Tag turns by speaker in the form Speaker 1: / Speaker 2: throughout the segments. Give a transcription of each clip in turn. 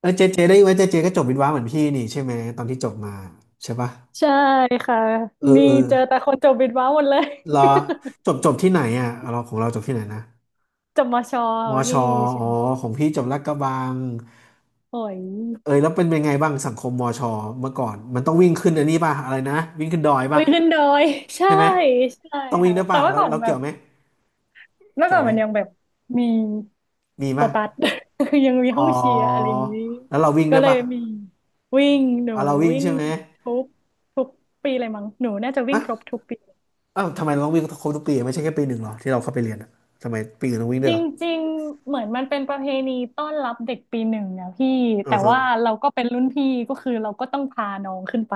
Speaker 1: เออเจเจได้ยินไหมเจเจก็จบวิศวะเหมือนพี่นี่ใช่ไหมตอนที่จบมาใช่ปะ
Speaker 2: ใช่ค่ะ
Speaker 1: เออ
Speaker 2: นี่
Speaker 1: เออ
Speaker 2: เจอแต่คนจบบิดว้าหมดเลย
Speaker 1: รอ จบที่ไหนอ่ะเราของเราจบที่ไหนนะ
Speaker 2: จบมช
Speaker 1: มอช
Speaker 2: พี่
Speaker 1: อ
Speaker 2: เชีย
Speaker 1: อ๋อของพี่จบลาดกระบัง
Speaker 2: โอ้ย
Speaker 1: เออแล้วเป็นไงบ้างสังคมมอชอเมื่อก่อนมันต้องวิ่งขึ้นอันนี้ป่ะอะไรนะวิ่งขึ้นดอย
Speaker 2: อุ้
Speaker 1: ป่ะ
Speaker 2: ยขึ้นดอยใช่
Speaker 1: ใช่ไหม
Speaker 2: ใช่
Speaker 1: ต้องวิ่ง
Speaker 2: ค่ะ
Speaker 1: ด้วย
Speaker 2: แต่
Speaker 1: ป่ะ
Speaker 2: ว่า
Speaker 1: แล้ว
Speaker 2: ก่อน
Speaker 1: เรา
Speaker 2: แบ
Speaker 1: เกี่ย
Speaker 2: บ
Speaker 1: วไหม
Speaker 2: เมื่อ
Speaker 1: เกี่
Speaker 2: ก่
Speaker 1: ย
Speaker 2: อ
Speaker 1: ว
Speaker 2: น
Speaker 1: ไหม
Speaker 2: มันยังแบบมี
Speaker 1: มี
Speaker 2: โต
Speaker 1: ป่ะ
Speaker 2: ตัด ยังมีห้
Speaker 1: อ๋อ
Speaker 2: องเชียร์อะไรอย่างนี้
Speaker 1: แล้วเราวิ่ง
Speaker 2: ก็
Speaker 1: ด้วย
Speaker 2: เลย
Speaker 1: ป่ะ
Speaker 2: มีวิ่งหนู
Speaker 1: อ่ะเราวิ่ง
Speaker 2: วิ่ง
Speaker 1: ใช่ไหม
Speaker 2: ทุกทุกปีเลยมั้งหนูน่าจะวิ่ง
Speaker 1: อ่ะ
Speaker 2: ครบทุกปี
Speaker 1: อ้าวทำไมเราต้องวิ่งครบทุกปีอะไม่ใช่แค่ปีหนึ่งเหรอที่เราเข้าไปเรียนอ่ะทำไมปีอื่นต้องวิ่งด้
Speaker 2: จ
Speaker 1: วยเหรอ
Speaker 2: ริงๆเหมือนมันเป็นประเพณีต้อนรับเด็กปีหนึ่งนะพี่
Speaker 1: อื
Speaker 2: แต่
Speaker 1: อฮะ
Speaker 2: ว่าเราก็เป็นรุ่นพี่ก็คือเราก็ต้องพาน้องขึ้นไป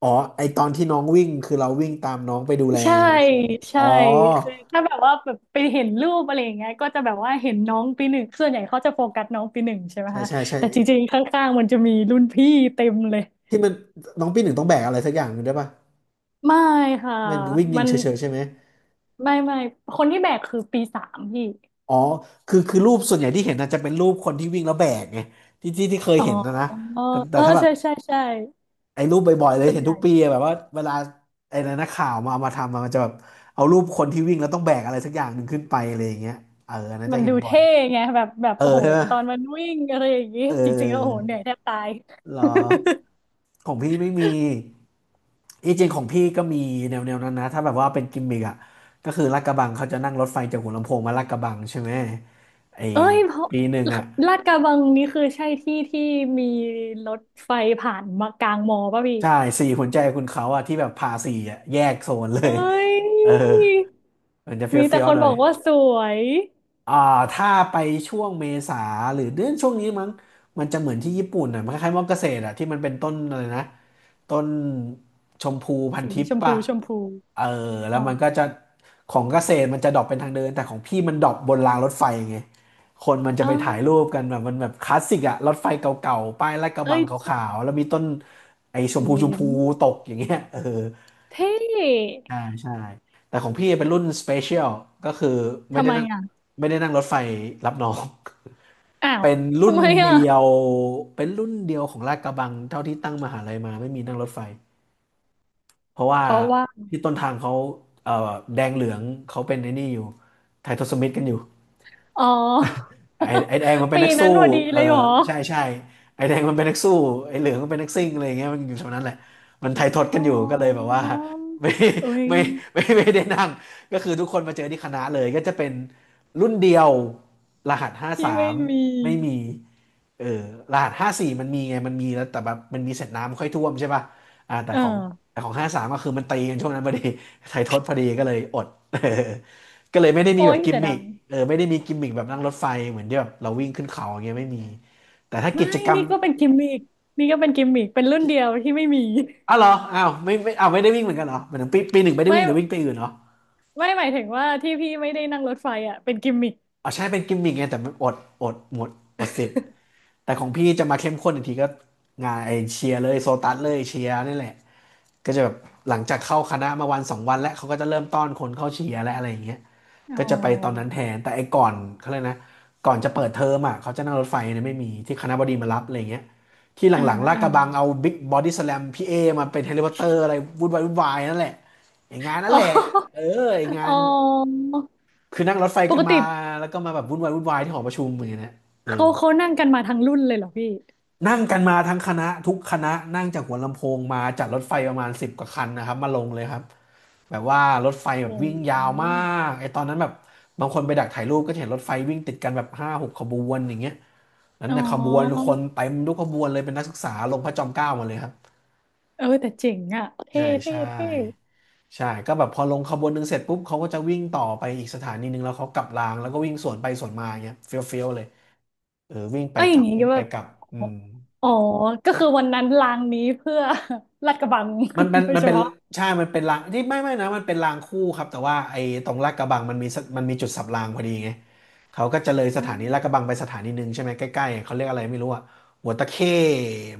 Speaker 1: อ๋อไอตอนที่น้องวิ่งคือเราวิ่งตามน้องไปดูแล
Speaker 2: ใช่
Speaker 1: ใช่ไหมอ๋
Speaker 2: ใช่
Speaker 1: อ
Speaker 2: คือถ้าแบบว่าแบบไปเห็นรูปอะไรอย่างเงี้ยก็จะแบบว่าเห็นน้องปีหนึ่งส่วนใหญ่เขาจะโฟกัสน้องปีหนึ่งใช่ไหม
Speaker 1: ใช่
Speaker 2: คะ
Speaker 1: ใช่ใช่
Speaker 2: แต่จริงๆข้างๆมันจะมีรุ่นพี่เต็มเลย
Speaker 1: ที่มันน้องปีหนึ่งต้องแบกอะไรสักอย่างหนึ่งด้วยป่ะ
Speaker 2: ไม่ค่ะ
Speaker 1: มันวิ่งยิ
Speaker 2: มั
Speaker 1: ง
Speaker 2: น
Speaker 1: เฉยๆใช่ไหม
Speaker 2: ไม่คนที่แบกคือปีสามพี่
Speaker 1: อ๋อคือรูปส่วนใหญ่ที่เห็นจจะเป็นรูปคนที่วิ่งแล้วแบกไงที่เคย
Speaker 2: อ๋
Speaker 1: เห็นนะ
Speaker 2: อ
Speaker 1: นะ
Speaker 2: เ
Speaker 1: แต่
Speaker 2: ออ
Speaker 1: ถ้าแบบ
Speaker 2: ใช่ใช่ใช่
Speaker 1: ไอ้รูปบ่อยๆเลย
Speaker 2: ส่วน
Speaker 1: เห็น
Speaker 2: ให
Speaker 1: ทุ
Speaker 2: ญ่
Speaker 1: กปีอะแบบว่าเวลาไอ้นักข่าวมาเอามาทำอะมันจะแบบเอารูปคนที่วิ่งแล้วต้องแบกอะไรสักอย่างหนึ่งขึ้นไปอะไรอย่างเงี้ยเอออันนั้น
Speaker 2: มั
Speaker 1: จะ
Speaker 2: น
Speaker 1: เห็
Speaker 2: ดู
Speaker 1: นบ่อย
Speaker 2: เท่ไงแบบ
Speaker 1: เออ
Speaker 2: โอ้โห
Speaker 1: ใช่ไหม
Speaker 2: ตอนมันวิ่งอะไรอย่างงี้
Speaker 1: เออ
Speaker 2: จริงๆแล้วโอ้โหเหนื่อยแทบตาย
Speaker 1: เหรอ ของพี่ไม่มีอีจริงของพี่ก็มีแนวๆนนั้นนะถ้าแบบว่าเป็นกิมมิกอ่ะก็คือลาดกระบังเขาจะนั่งรถไฟจากหัวลำโพงมาลาดกระบังใช่ไหมไอ
Speaker 2: เอ้ยเพราะ
Speaker 1: ปีหนึ่งอ่ะ
Speaker 2: ลาดกระบังนี่คือใช่ที่มีรถไฟผ่านมากลางมอป่ะพี่
Speaker 1: ใช่สี่หัวใจคุณเขาอ่ะที่แบบพาสี่อ่ะแยกโซนเล
Speaker 2: เอ
Speaker 1: ย
Speaker 2: ้
Speaker 1: เออ
Speaker 2: ย
Speaker 1: มันจะเฟ
Speaker 2: มีแต่
Speaker 1: ี้ยว
Speaker 2: ค
Speaker 1: ๆ
Speaker 2: น
Speaker 1: หน่
Speaker 2: บ
Speaker 1: อย
Speaker 2: อกว่าสวย
Speaker 1: อ่าถ้าไปช่วงเมษาหรือเดือนช่วงนี้มั้งมันจะเหมือนที่ญี่ปุ่นอ่ะมันคล้ายๆมอเกษตรอ่ะที่มันเป็นต้นอะไรนะต้นชมพูพัน
Speaker 2: สี
Speaker 1: ทิพ
Speaker 2: ช
Speaker 1: ย์
Speaker 2: มพู
Speaker 1: ป่ะเออแล้
Speaker 2: อ๋อ
Speaker 1: วมันก็จะของเกษตรมันจะดรอปเป็นทางเดินแต่ของพี่มันดรอปบนรางรถไฟไงคนมันจะ
Speaker 2: อ๋อ
Speaker 1: ไปถ่ายรูปกันแบบมันแบบคลาสสิกอ่ะรถไฟเก่าๆป้ายลาดกระบั
Speaker 2: เอ้ย
Speaker 1: งขา
Speaker 2: เ
Speaker 1: วๆแล้วมีต้นไอ้ชม
Speaker 2: จ๋
Speaker 1: พูชม
Speaker 2: ง
Speaker 1: พูตกอย่างเงี้ยเออ
Speaker 2: เท่
Speaker 1: ใช่ใช่แต่ของพี่เป็นรุ่นสเปเชียลก็คือไม่
Speaker 2: ทำ
Speaker 1: ได้
Speaker 2: ไม
Speaker 1: นั่ง
Speaker 2: อ่ะ
Speaker 1: ไม่ได้นั่งรถไฟรับน้อง
Speaker 2: อ้า ว
Speaker 1: เป็นรุ่
Speaker 2: ทำ
Speaker 1: น
Speaker 2: ไมอ่ะ
Speaker 1: เดียวเป็นรุ่นเดียวของลาดกระบังเท่าที่ตั้งมหาลัยมาไม่มีนั่งรถไฟเพราะว่า
Speaker 2: เพราะว่า
Speaker 1: ที่ต้นทางเขาเอ่อแดงเหลืองเขาเป็นไอ้นี่อยู่ไทยทศมิตรกันอยู่
Speaker 2: อ๋อ
Speaker 1: ไอ้แดงมัน เป็น
Speaker 2: ปี
Speaker 1: นัก
Speaker 2: นั้
Speaker 1: สู้
Speaker 2: นพอดี
Speaker 1: เอ
Speaker 2: เล
Speaker 1: อ
Speaker 2: ยเหรอ
Speaker 1: ใช่ใช่ไอ้แดงมันเป็นนักสู้ไอ้เหลืองมันเป็นนักซิ่งอะไรอย่างเงี้ยมันอยู่แถวนั้นแหละมันไทยทด
Speaker 2: อ๋
Speaker 1: กันอยู่ก็เลยแบบ
Speaker 2: อ
Speaker 1: ว่า ไม่
Speaker 2: เอ้ย
Speaker 1: ไม่ไม่ได้นั่ง ก็คือทุกคนมาเจอที่คณะเลยก็จะเป็นรุ่นเดียวรหัสห้า
Speaker 2: พี่
Speaker 1: สา
Speaker 2: ไม่
Speaker 1: ม
Speaker 2: มี
Speaker 1: ไม่มีเออรหัส 54มันมีไงมันมีแล้วแต่แบบมันมีเสร็จน้ำค่อยท่วมใช่ป่ะอ่าแต่
Speaker 2: อ่
Speaker 1: ของ
Speaker 2: า
Speaker 1: แต่ของห้าสามก็คือมันตีกันช่วงนั้นพอดี ไทยทดพอดีก็เลยอด ก็เลยไม่ได้มี
Speaker 2: โอ้
Speaker 1: แบบ
Speaker 2: ย
Speaker 1: กิม
Speaker 2: เสีย
Speaker 1: มิ
Speaker 2: ดา
Speaker 1: ค
Speaker 2: ย
Speaker 1: เออไม่ได้มีกิมมิคแบบนั่งรถไฟเหมือนที่แบบเราวิ่งขึ้นเขาอย่างเงี้ยไม่มีแต่ถ้า
Speaker 2: ไม่
Speaker 1: กิจกรรม
Speaker 2: นี่ก็เป็นกิมมิกนี่ก็เป็นกิมมิกเป็นรุ่นเดียวที่ไม่มี
Speaker 1: อ้าวเหรออ้าวไม่ไม่อ้าวไม่ได้วิ่งเหมือนกันเหรอเหมือนปีหนึ่งไม่ได้
Speaker 2: ไม่
Speaker 1: วิ่งแต่วิ่งไปอื่นเหรอ
Speaker 2: ไม่หมายถึงว่าที่พี่ไม่ได้นั่งรถไฟอ่ะเป็นกิมมิก
Speaker 1: อ๋อใช่เป็นกิมมิคไงแต่มันอดอดหมดอดสิทธิ์แต่ของพี่จะมาเข้มข้นอีกทีก็งานไอเชียร์เลยโซตัสเลยเชียร์นี่แหละ ก็จะแบบหลังจากเข้าคณะมาวันสองวันแล้วเขาก็จะเริ่มต้อนคนเข้าเชียร์และอะไรอย่างเงี้ย
Speaker 2: อ๋
Speaker 1: ก็จะไปตอนนั้น
Speaker 2: อ
Speaker 1: แทนแต่ไอ้ก่อนเขาเลยกนะก่อนจะเปิดเทอมอ่ะเขาจะนั่งรถไฟเนี่ยไม่มีที่คณะบดีมารับอะไรอย่างเงี้ยที่ห
Speaker 2: อ่า
Speaker 1: ลังๆลาด
Speaker 2: อ่า
Speaker 1: กระบังเอาบิ๊กบอดี้สแลมพี่เอมาเป็นเฮลิคอปเตอร์อะไรวุ่นวายวุ่นวายนั่นแหละไอ้งานนั่
Speaker 2: อ๋
Speaker 1: นแหละเอ
Speaker 2: อ
Speaker 1: อไอ้งา
Speaker 2: อ๋อ
Speaker 1: นคือนั่งรถไฟ
Speaker 2: ป
Speaker 1: กัน
Speaker 2: ก
Speaker 1: มา
Speaker 2: ติ
Speaker 1: แล้วก็มาแบบวุ่นวายวุ่นวายที่หอประชุมอย่างเงี้ยนะเอ
Speaker 2: เขา
Speaker 1: อ
Speaker 2: เขานั่งกันมาทั้งรุ่นเลยเหรอพี่
Speaker 1: นั่งกันมาทั้งคณะทุกคณะนั่งจากหัวลำโพงมาจากรถไฟประมาณ10 กว่าคันนะครับมาลงเลยครับแบบว่ารถไฟแบ
Speaker 2: อื
Speaker 1: บวิ่งยาวมา
Speaker 2: ม
Speaker 1: กไอ้ตอนนั้นแบบบางคนไปดักถ่ายรูปก็จะเห็นรถไฟวิ่งติดกันแบบห้าหกขบวนอย่างเงี้ยนั้น
Speaker 2: อ๋
Speaker 1: ในขบวน
Speaker 2: อ
Speaker 1: คนเต็มทุกขบวนเลยเป็นนักศึกษาลงพระจอมเกล้ามาเลยครับ
Speaker 2: เออแต่เจ๋งอ่ะ
Speaker 1: ใช่ใช่
Speaker 2: เท่
Speaker 1: ใช่ก็แบบพอลงขบวนหนึ่งเสร็จปุ๊บเขาก็จะวิ่งต่อไปอีกสถานีหนึ่งแล้วเขากลับรางแล้วก็วิ่งสวนไปสวนมาอย่างเงี้ยเฟี้ยวๆเลยเออวิ่งไป
Speaker 2: เอ้ยอ
Speaker 1: กลั
Speaker 2: ย่าง
Speaker 1: บ
Speaker 2: งี้
Speaker 1: วิ่
Speaker 2: ก็
Speaker 1: ง
Speaker 2: แบ
Speaker 1: ไป
Speaker 2: บ
Speaker 1: กลับอืม
Speaker 2: อ๋อก็คือวันนั้นลางนี้เพื่อ ลาดกระบัง
Speaker 1: มันมั น
Speaker 2: โดย
Speaker 1: มัน
Speaker 2: เฉ
Speaker 1: เป็น
Speaker 2: พาะ
Speaker 1: ใช่มันเป็นรางที่ไม่นะมันเป็นรางคู่ครับแต่ว่าไอ้ตรงลาดกระบังมันมีจุดสับรางพอดีไงเขาก็จะเลยส
Speaker 2: อ
Speaker 1: ถา
Speaker 2: ม
Speaker 1: นีลาดกระบังไปสถานีหนึ่งใช่ไหมใกล้ๆเขาเรียกอะไรไม่รู้อะหัวตะเข้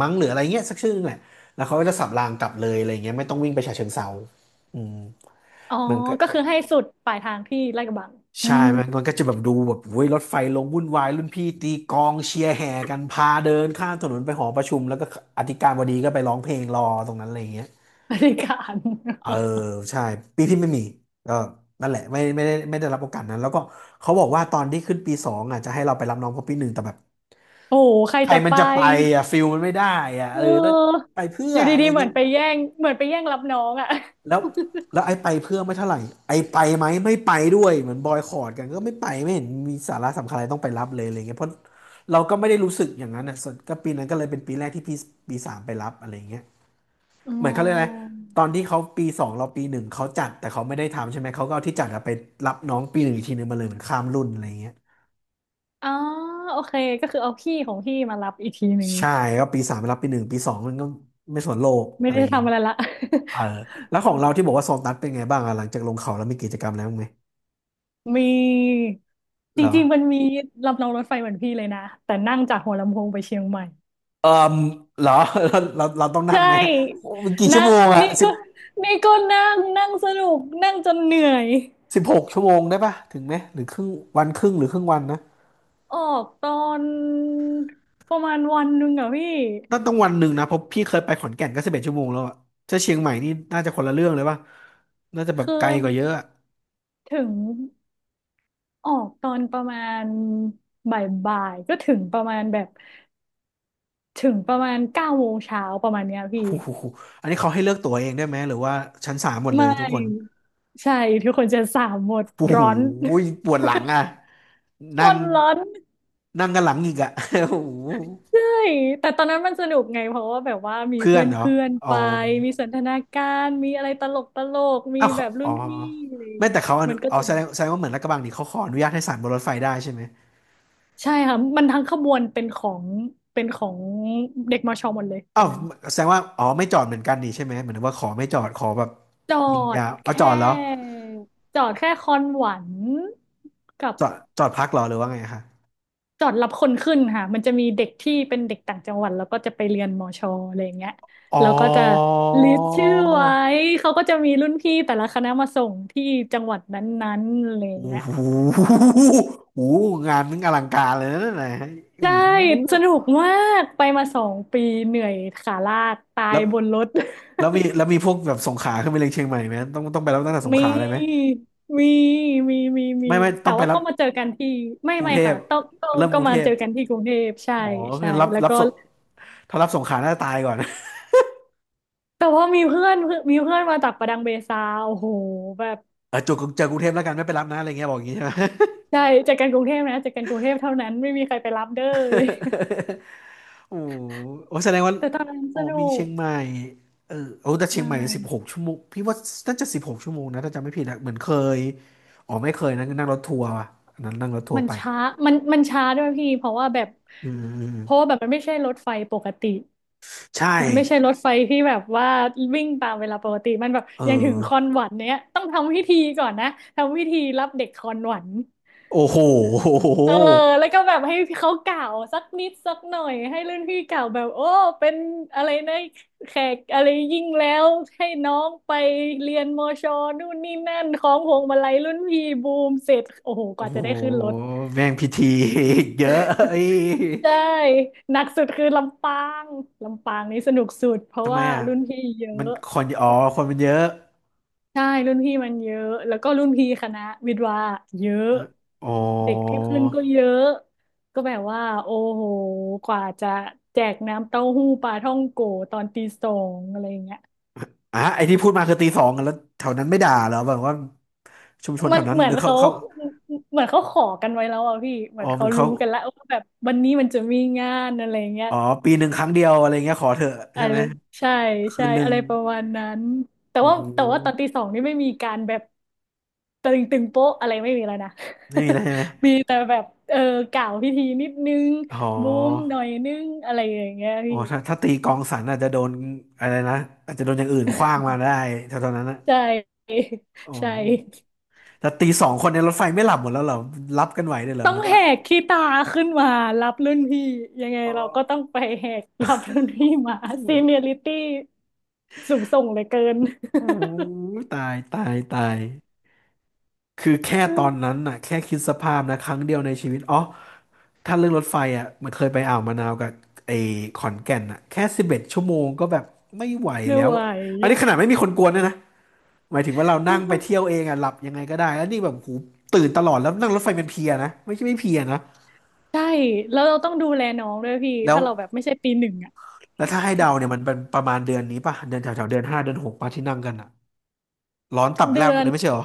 Speaker 1: มั้งหรืออะไรเงี้ยสักชื่อนึงแหละแล้วเขาก็จะสับรางกลับเลยอะไรเงี้ยไม่ต้องวิ่งไปฉะเชิงเทราอืม
Speaker 2: อ๋อ
Speaker 1: มันก็
Speaker 2: ก็คือให้สุดปลายทางที่ลาดกระบังอื
Speaker 1: ใช่
Speaker 2: ม
Speaker 1: มันก็จะแบบดูแบบเว้ยรถไฟลงวุ่นวายรุ่นพี่ตีกลองเชียร์แห่กันพาเดินข้ามถนนไปหอประชุมแล้วก็อธิการบดีก็ไปร้องเพลงรอตรงนั้นอะไรเงี้ย
Speaker 2: บริการ
Speaker 1: เออ ใช่ปีที่ไม่มีก็นั่นแหละไม่ได้รับโอกาสนั้นแล้วก็เขาบอกว่าตอนที่ขึ้นปีสองอ่ะจะให้เราไปรับน้องเขาปีหนึ่งแต่แบบ
Speaker 2: โอ้โหใคร
Speaker 1: ใคร
Speaker 2: จะ
Speaker 1: มัน
Speaker 2: ไป
Speaker 1: จะไปอ่ะฟิลมันไม่ได้อ่ะ
Speaker 2: เ
Speaker 1: เออแล้ว
Speaker 2: ออ
Speaker 1: ไปเพื่อ
Speaker 2: อยู่
Speaker 1: อะไร
Speaker 2: ดีๆเหมื
Speaker 1: เงี้
Speaker 2: อน
Speaker 1: ย
Speaker 2: ไปแย่งเหมือนไปแย่งรับน้องอ่ะ
Speaker 1: แล้วแล้วไอ้ไปเพื่อไม่เท่าไหร่ไอ้ไปไหมไม่ไปด้วยเหมือนบอยคอตกันก็ไม่ไปไม่เห็นมีสาระสำคัญอะไรต้องไปรับเลยอะไรเงี้ยเพราะเราก็ไม่ได้รู้สึกอย่างนั้นอ่ะส่วนก็ปีนั้นก็เลยเป็นปีแรกที่ปีสามไปรับอะไรเงี้ย
Speaker 2: อ๋อ
Speaker 1: เหมือนเขาเรียกอะไรตอนที่เขาปีสองเราปีหนึ่งเขาจัดแต่เขาไม่ได้ทำใช่ไหมเขาก็เอาที่จัดอะไปรับน้องปีหนึ่งอีกทีหนึ่งมาเลยเหมือนข้ามรุ่นอะไรเงี้ย
Speaker 2: อ๋อโอเคก็คือเอาพี่ของพี่มารับอีกทีหนึ่ง
Speaker 1: ใช่ก็ปีสามไปรับปีหนึ่งปีสองมันก็ไม่สนโลก
Speaker 2: ไม่
Speaker 1: อะไร
Speaker 2: ได้
Speaker 1: อย่างเงี้ย
Speaker 2: ทำอะไรละ
Speaker 1: เออแล้วของเราที่ บอกว่าโซตัสเป็นไงบ้างอะหลังจากลงเขาแล้วมีกิจกรรมแล้วไหม
Speaker 2: มีจ
Speaker 1: เหรอ
Speaker 2: ริงๆมันมีลำรองรถไฟเหมือนพี่เลยนะแต่นั่งจากหัวลำโพงไปเชียงใหม่
Speaker 1: เออเหรอ เราต้อง
Speaker 2: ใช
Speaker 1: นั่งไหม
Speaker 2: ่
Speaker 1: โอ้นกี่ชั่ว
Speaker 2: นั่ง
Speaker 1: โมงอะ
Speaker 2: นี่
Speaker 1: สิบ
Speaker 2: ก็นี่ก็นั่งนั่งสนุกนั่งจนเหนื่อย
Speaker 1: สิบหกชั่วโมงได้ปะถึงไหมหรือครึ่งวันครึ่งหรือครึ่งวันนะ
Speaker 2: ออกตอนประมาณวันหนึ่งอะพี่
Speaker 1: ต้องวันหนึ่งนะเพราะพี่เคยไปขอนแก่นก็สิบเอ็ดชั่วโมงแล้วอะถ้าเชียงใหม่นี่น่าจะคนละเรื่องเลยป่ะน่าจะแบบ
Speaker 2: คือ
Speaker 1: ไกลกว่าเยอะอะ
Speaker 2: ถึงออกตอนประมาณบ่ายๆก็ถึงประมาณแบบถึงประมาณเก้าโมงเช้าประมาณเนี้ยพี่
Speaker 1: โอ้โหอันนี้เขาให้เลือกตั๋วเองได้ไหมหรือว่าชั้นสามหมดเลย
Speaker 2: ไม่
Speaker 1: ทุกคน
Speaker 2: ใช่ทุกคนจะสามหมด
Speaker 1: โอ้
Speaker 2: ร้
Speaker 1: โห
Speaker 2: อน
Speaker 1: ปวดหลังอ่ะ
Speaker 2: ก
Speaker 1: นั่ง
Speaker 2: ดร้อน
Speaker 1: นั่งกันหลังอีกอ่ะ โอ้โห
Speaker 2: ใช่แต่ตอนนั้นมันสนุกไงเพราะว่าแบบว่ามี
Speaker 1: เพื่อ
Speaker 2: เพื่
Speaker 1: น
Speaker 2: อน
Speaker 1: เหรอ
Speaker 2: เพื่อน
Speaker 1: อ๋อ
Speaker 2: ไปมีสันทนาการมีอะไรตลกมี
Speaker 1: อ้าว
Speaker 2: แบ
Speaker 1: เขา
Speaker 2: บรุ่
Speaker 1: อ๋อ
Speaker 2: นพี่อะไรอย่าง
Speaker 1: ไม่แต่
Speaker 2: เงี้ย
Speaker 1: เขาอ
Speaker 2: มั
Speaker 1: นุ
Speaker 2: นก็
Speaker 1: อ๋อ
Speaker 2: จะ
Speaker 1: แสดงว่าเหมือนลาดกระบังนี่เขาขออนุญาตให้สานบนรถไฟได้ใช่ไหม
Speaker 2: ใช่ค่ะมันทั้งขบวนเป็นของเป็นของเด็กมชหมดเลยต
Speaker 1: อ้า
Speaker 2: อน
Speaker 1: ว
Speaker 2: นั้น
Speaker 1: แสดงว่าอ๋อไม่จอดเหมือนกันนี่ใช่ไหมเหมือนว่าขอไม่จอดขอแบบ
Speaker 2: จอ
Speaker 1: ยิงยา
Speaker 2: ด
Speaker 1: ว
Speaker 2: แค
Speaker 1: เอาจอดเหรอ
Speaker 2: ่จอดแค่คอนหวันกับ
Speaker 1: จอดจอดพักเหรอหรือว่าไงคะ
Speaker 2: จอดรับคนขึ้นค่ะมันจะมีเด็กที่เป็นเด็กต่างจังหวัดแล้วก็จะไปเรียนมอชออะไรอย่างเงี้ย
Speaker 1: อ๋อ
Speaker 2: แล้วก็จะลิสต์ชื่อไว้เขาก็จะมีรุ่นพี่แต่ละคณะมาส่งที่จังหวัดนั้นๆอะไรอย่าง
Speaker 1: โอ้
Speaker 2: เงี้ย
Speaker 1: โหโอ้โหงานนึงอลังการเลยนะไหนะโอ้
Speaker 2: ใช่
Speaker 1: โห
Speaker 2: สนุกมากไปมาสองปีเหนื่อยขาลากตา
Speaker 1: แล้
Speaker 2: ย
Speaker 1: ว
Speaker 2: บนรถ
Speaker 1: แล้วมีแล้วมีพวกแบบสงขลาขึ้นไปเรียงเชียงใหม่ไหมต้องต้องไปรับตั้งแต่ส งข
Speaker 2: มี
Speaker 1: ลาได้ไหม
Speaker 2: มีมีมี
Speaker 1: ไม่ไม่
Speaker 2: แต่
Speaker 1: ต้องไป
Speaker 2: ว่า
Speaker 1: รับ
Speaker 2: ก็มาเจอกันที่ไม่
Speaker 1: กรุง
Speaker 2: ไม่
Speaker 1: เทพ
Speaker 2: ค่ะต้องก็
Speaker 1: เริ่มก
Speaker 2: ก็
Speaker 1: รุง
Speaker 2: มา
Speaker 1: เทพ
Speaker 2: เจอกันที่กรุงเทพใช่
Speaker 1: อ๋อคื
Speaker 2: ใช่
Speaker 1: อรับ
Speaker 2: แล้ว
Speaker 1: รับ
Speaker 2: ก็
Speaker 1: ส่งถ้ารับสงขลาน่าจะตายก่อน
Speaker 2: แต่ว่ามีเพื่อนมาจากประดังเบซาโอ้โหแบบ
Speaker 1: เออจุกเจอกรุงเทพแล้วกันไม่ไปรับนะอะไรเงี้ยบอกอย่างงี้ใช่ไหม
Speaker 2: ใช่จากการกรุงเทพนะจากการกรุงเทพเท่านั้นไม่มีใครไปรับเด้อเลย
Speaker 1: โอ้โอ้แสดงว่า
Speaker 2: แต่ตอนนั้น
Speaker 1: โอ้
Speaker 2: สนุ
Speaker 1: มีเชี
Speaker 2: ก
Speaker 1: ยงใหม่เออโอ้แต่
Speaker 2: ใช
Speaker 1: เชียงใหม่สิบหก
Speaker 2: ่
Speaker 1: ชั่วโมงพี่ว่าน่าจะสิบหกชั่วโมงนะถ้าจำไม่ผิดนะเหมือนเคยอ๋อไม่เคยนะนั่งรถทัวร์ว่ะอันนั้นนั่งรถทัว
Speaker 2: มั
Speaker 1: ร์
Speaker 2: น
Speaker 1: ไป
Speaker 2: ช้ามันช้าด้วยพี่เพราะว่าแบบ
Speaker 1: อืมอืม
Speaker 2: เพราะว่าแบบมันไม่ใช่รถไฟปกติ
Speaker 1: ใช่
Speaker 2: มันไม่ใช่รถไฟที่แบบว่าวิ่งตามเวลาปกติมันแบบ
Speaker 1: เอ
Speaker 2: อย่างถึงคอน
Speaker 1: อ
Speaker 2: หวันเนี้ยต้องทำพิธีก่อนนะทำพิธีรับเด็กคอนหวัน
Speaker 1: โอ้โห
Speaker 2: เออแล้วก็แบบให้เขากล่าวสักนิดสักหน่อยให้รุ่นพี่กล่าวแบบโอ้เป็นอะไรนะแขกอะไรยิ่งแล้วให้น้องไปเรียนมอชอนู่นนี่นั่นของพวงมาลัยรุ่นพี่บูมเสร็จโอ้โหก
Speaker 1: โอ้
Speaker 2: ว่า
Speaker 1: โห
Speaker 2: จะได้ขึ้นรถ
Speaker 1: แม่งพิธี เยอะเอ้ย
Speaker 2: ใช่หนักสุดคือลำปางลำปางนี่สนุกสุดเพราะ
Speaker 1: ทำไม
Speaker 2: ว่า
Speaker 1: อ่ะ
Speaker 2: รุ่นพี่เยอ
Speaker 1: มัน
Speaker 2: ะ
Speaker 1: คนอ๋อคนมันเยอะ
Speaker 2: ใช่รุ่นพี่มันเยอะแล้วก็รุ่นพี่คณะวิทย์วาเยอะ
Speaker 1: อะอ๋อ
Speaker 2: เด็กที่ขึ้นก็เยอะก็แบบว่าโอ้โหกว่าจะแจกน้ำเต้าหู้ปลาท่องโกตอนตีสองอะไรอย่างเงี้ย
Speaker 1: อ่ะไอที่พูดมาคือตีสองกันแล้วแถวนั้นไม่ด่าเหรอแบบว่าชุมชน
Speaker 2: มั
Speaker 1: แถ
Speaker 2: น
Speaker 1: วนั้น
Speaker 2: เหมื
Speaker 1: ห
Speaker 2: อ
Speaker 1: รื
Speaker 2: น
Speaker 1: อเขา
Speaker 2: เขา
Speaker 1: เขา
Speaker 2: ขอกันไว้แล้วอ่ะพี่เหมื
Speaker 1: อ๋
Speaker 2: อ
Speaker 1: อ
Speaker 2: น
Speaker 1: มั
Speaker 2: เขา
Speaker 1: นเขา
Speaker 2: รู้กันแล้วว่าแบบวันนี้มันจะมีงานอะไรเงี้ย
Speaker 1: อ๋อปีหนึ่งครั้งเดียวอะไรเงี้ยขอเถอะ
Speaker 2: อะ
Speaker 1: ใช่
Speaker 2: ไร
Speaker 1: ไหม
Speaker 2: ใช่
Speaker 1: คื
Speaker 2: ใช่
Speaker 1: นหนึ่
Speaker 2: อะ
Speaker 1: ง
Speaker 2: ไรประมาณนั้นแต่
Speaker 1: โอ้
Speaker 2: ว่า
Speaker 1: โห
Speaker 2: แต่ว่าตอนตีสองนี่ไม่มีการแบบตึงตึงโป๊ะอะไรไม่มีแล้วนะ
Speaker 1: ไม่มีแล้ว ใช่ไหม
Speaker 2: มีแต่แบบเออกล่าวพิธีนิดนึง
Speaker 1: อ๋อ
Speaker 2: บูมหน่อยนึงอะไรอย่างเงี้ย
Speaker 1: อ๋อ
Speaker 2: พี่
Speaker 1: ถ้าตีกองสันอาจจะโดนอะไรนะอาจจะโดนอย่างอื่นขว้างมาได้แถวๆนั้นนะ
Speaker 2: ใช่
Speaker 1: อ๋อ
Speaker 2: ใช่
Speaker 1: แต่ตีสองคนในรถไฟไม่หลับหมดแล้วเหรอรับกันไหวเลยเหรอ
Speaker 2: ต้อ
Speaker 1: มั
Speaker 2: ง
Speaker 1: น
Speaker 2: แห
Speaker 1: ว่า
Speaker 2: กขี้ตาขึ้นมารับรุ่นพี่ยังไง
Speaker 1: อ๋อ
Speaker 2: เราก็ต้องไปแหกรับรุ่นพี่มา
Speaker 1: โ
Speaker 2: ซีเนียริตี้สูงส่งเหลือเกิน
Speaker 1: อ้โหตายตายตาย คือแค่ตอน นั้นน่ะแค่คิดสภาพนะครั้งเดียวในชีวิตอ๋อถ้าเรื่องรถไฟอ่ะมันเคยไปอ่าวมะนาวกับไอ้ขอนแก่นอ่ะแค่สิบเอ็ดชั่วโมงก็แบบไม่ไหว
Speaker 2: ไม่
Speaker 1: แล้ว
Speaker 2: ไหว
Speaker 1: อันนี้
Speaker 2: อะ
Speaker 1: ขนาดไม่มีคนกวนด้วยนะหมายถึงว่าเรานั่งไปเที่ยวเองอ่ะหลับยังไงก็ได้แล้วนี่แบบหูตื่นตลอดแล้วนั่งรถไฟเป็นเพลียนะไม่ใช่ไม่เพลียนะ
Speaker 2: ใช่แล้วเราต้องดูแลน้องด้วยพี่
Speaker 1: แล้ว
Speaker 2: ถ้าเราแบบไม่ใช่ปีหนึ่งอะ
Speaker 1: แล้วถ้าให้เดาเนี่ยมันเป็นประมาณเดือนนี้ป่ะเดือนแถวแถวเดือนห้าเดือนหกป่ะที่นั่งกันอ่ะร้อนตับ
Speaker 2: เดื
Speaker 1: แลบ
Speaker 2: อ
Speaker 1: เล
Speaker 2: น
Speaker 1: ยไม่ใช่เหรอ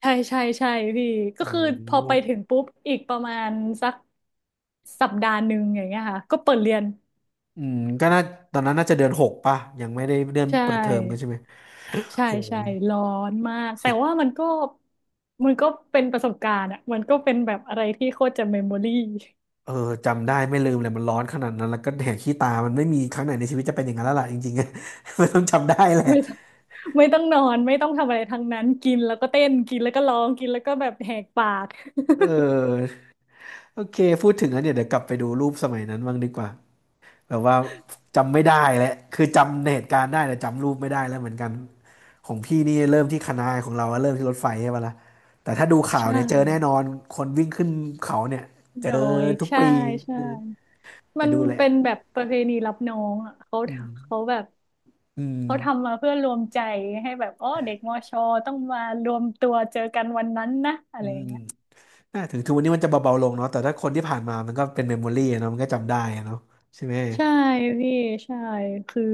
Speaker 2: ใช่ใช่ใช่พี่ก็
Speaker 1: โอ้โ
Speaker 2: คือพอไป
Speaker 1: ห
Speaker 2: ถึงปุ๊บอีกประมาณสักสัปดาห์หนึ่งอย่างเงี้ยค่ะก็เปิดเรียน
Speaker 1: อืมก็น่าตอนนั้นน่าจะเดือนหกป่ะยังไม่ได้เดือน
Speaker 2: ใช
Speaker 1: เปิดเทอมกันใช่
Speaker 2: ่
Speaker 1: ไหม
Speaker 2: ใช่
Speaker 1: โห
Speaker 2: ใช่ร้อนมากแต่
Speaker 1: สุด
Speaker 2: ว่ามันก็มันก็เป็นประสบการณ์อะมันก็เป็นแบบอะไรที่โคตรจะเมมโมรี่
Speaker 1: เออจำได้ไม่ลืมเลยมันร้อนขนาดนั้นแล้วก็แหกขี้ตามันไม่มีครั้งไหนในชีวิตจะเป็นอย่างนั้นแล้วล่ะจริงๆอะ มันต้องจำได้แหละ
Speaker 2: ไม่ต้องไม่ต้องนอนไม่ต้องทำอะไรทั้งนั้นกินแล้วก็เต้นกินแล้วก็ร้องกินแล้วก็แบบแหกปาก
Speaker 1: เออโอเคพูดถึงแล้วเนี่ยเดี๋ยวกลับไปดูรูปสมัยนั้นบ้างดีกว่าแบบว่าจำไม่ได้แหละคือจำเหตุการณ์ได้แต่จำรูปไม่ได้แล้วเหมือนกันของพี่นี่เริ่มที่คณะนาของเราเริ่มที่รถไฟใช่ปะล่ะแต่ถ้าดู ข่า
Speaker 2: ใช
Speaker 1: วเนี่ยเจอแน่
Speaker 2: ่
Speaker 1: นอนคนวิ่งขึ้นเขาเนี่ยเจ
Speaker 2: ด
Speaker 1: อ
Speaker 2: อย
Speaker 1: ทุก
Speaker 2: ใช่
Speaker 1: ปี
Speaker 2: ใช่
Speaker 1: เออไป
Speaker 2: มัน
Speaker 1: ดูแหละ
Speaker 2: เป็นแบบประเพณีรับน้องอ่ะเขา
Speaker 1: อืม
Speaker 2: แบบ
Speaker 1: อืม
Speaker 2: เขาทำมาเพื่อรวมใจให้แบบอ๋อเด็กมอชอต้องมารวมตัวเจอกันวันนั้นนะอะ
Speaker 1: อื
Speaker 2: ไรอย่า
Speaker 1: ม
Speaker 2: งเงี้ย
Speaker 1: อ่าถึงทุกวันนี้มันจะเบาๆลงเนาะแต่ถ้าคนที่ผ่านมามันก็เป็นเมมโมรี่เนาะมันก็จำได้อะเนาะใช่ไหม
Speaker 2: ใช่พี่ใช่คือ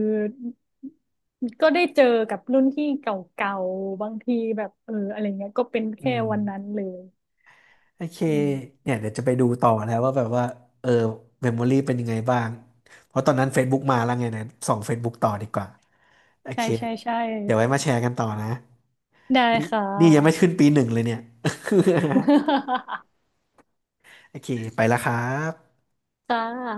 Speaker 2: ก็ได้เจอกับรุ่นพี่เก่าๆบางทีแบบเอออะไรเงี้ยก็เป็น
Speaker 1: อื
Speaker 2: แค่
Speaker 1: ม
Speaker 2: วันนั้นเลย
Speaker 1: โอเค
Speaker 2: อืม
Speaker 1: เนี่ยเดี๋ยวจะไปดูต่อแล้วว่าแบบว่าเออเมมโมรี่เป็นยังไงบ้างเพราะตอนนั้น Facebook มาแล้วไงนะส่อง Facebook ต่อดีกว่าโอ
Speaker 2: ใช่
Speaker 1: เค
Speaker 2: ใช่ใช่
Speaker 1: เดี๋ยวไว้มาแชร์กันต่อนะ
Speaker 2: ได้
Speaker 1: นี่
Speaker 2: ค่ะ
Speaker 1: นี่ยังไม่ขึ้นปีหนึ่งเลยเนี่ย โอเคไปละครับ
Speaker 2: ค่ะ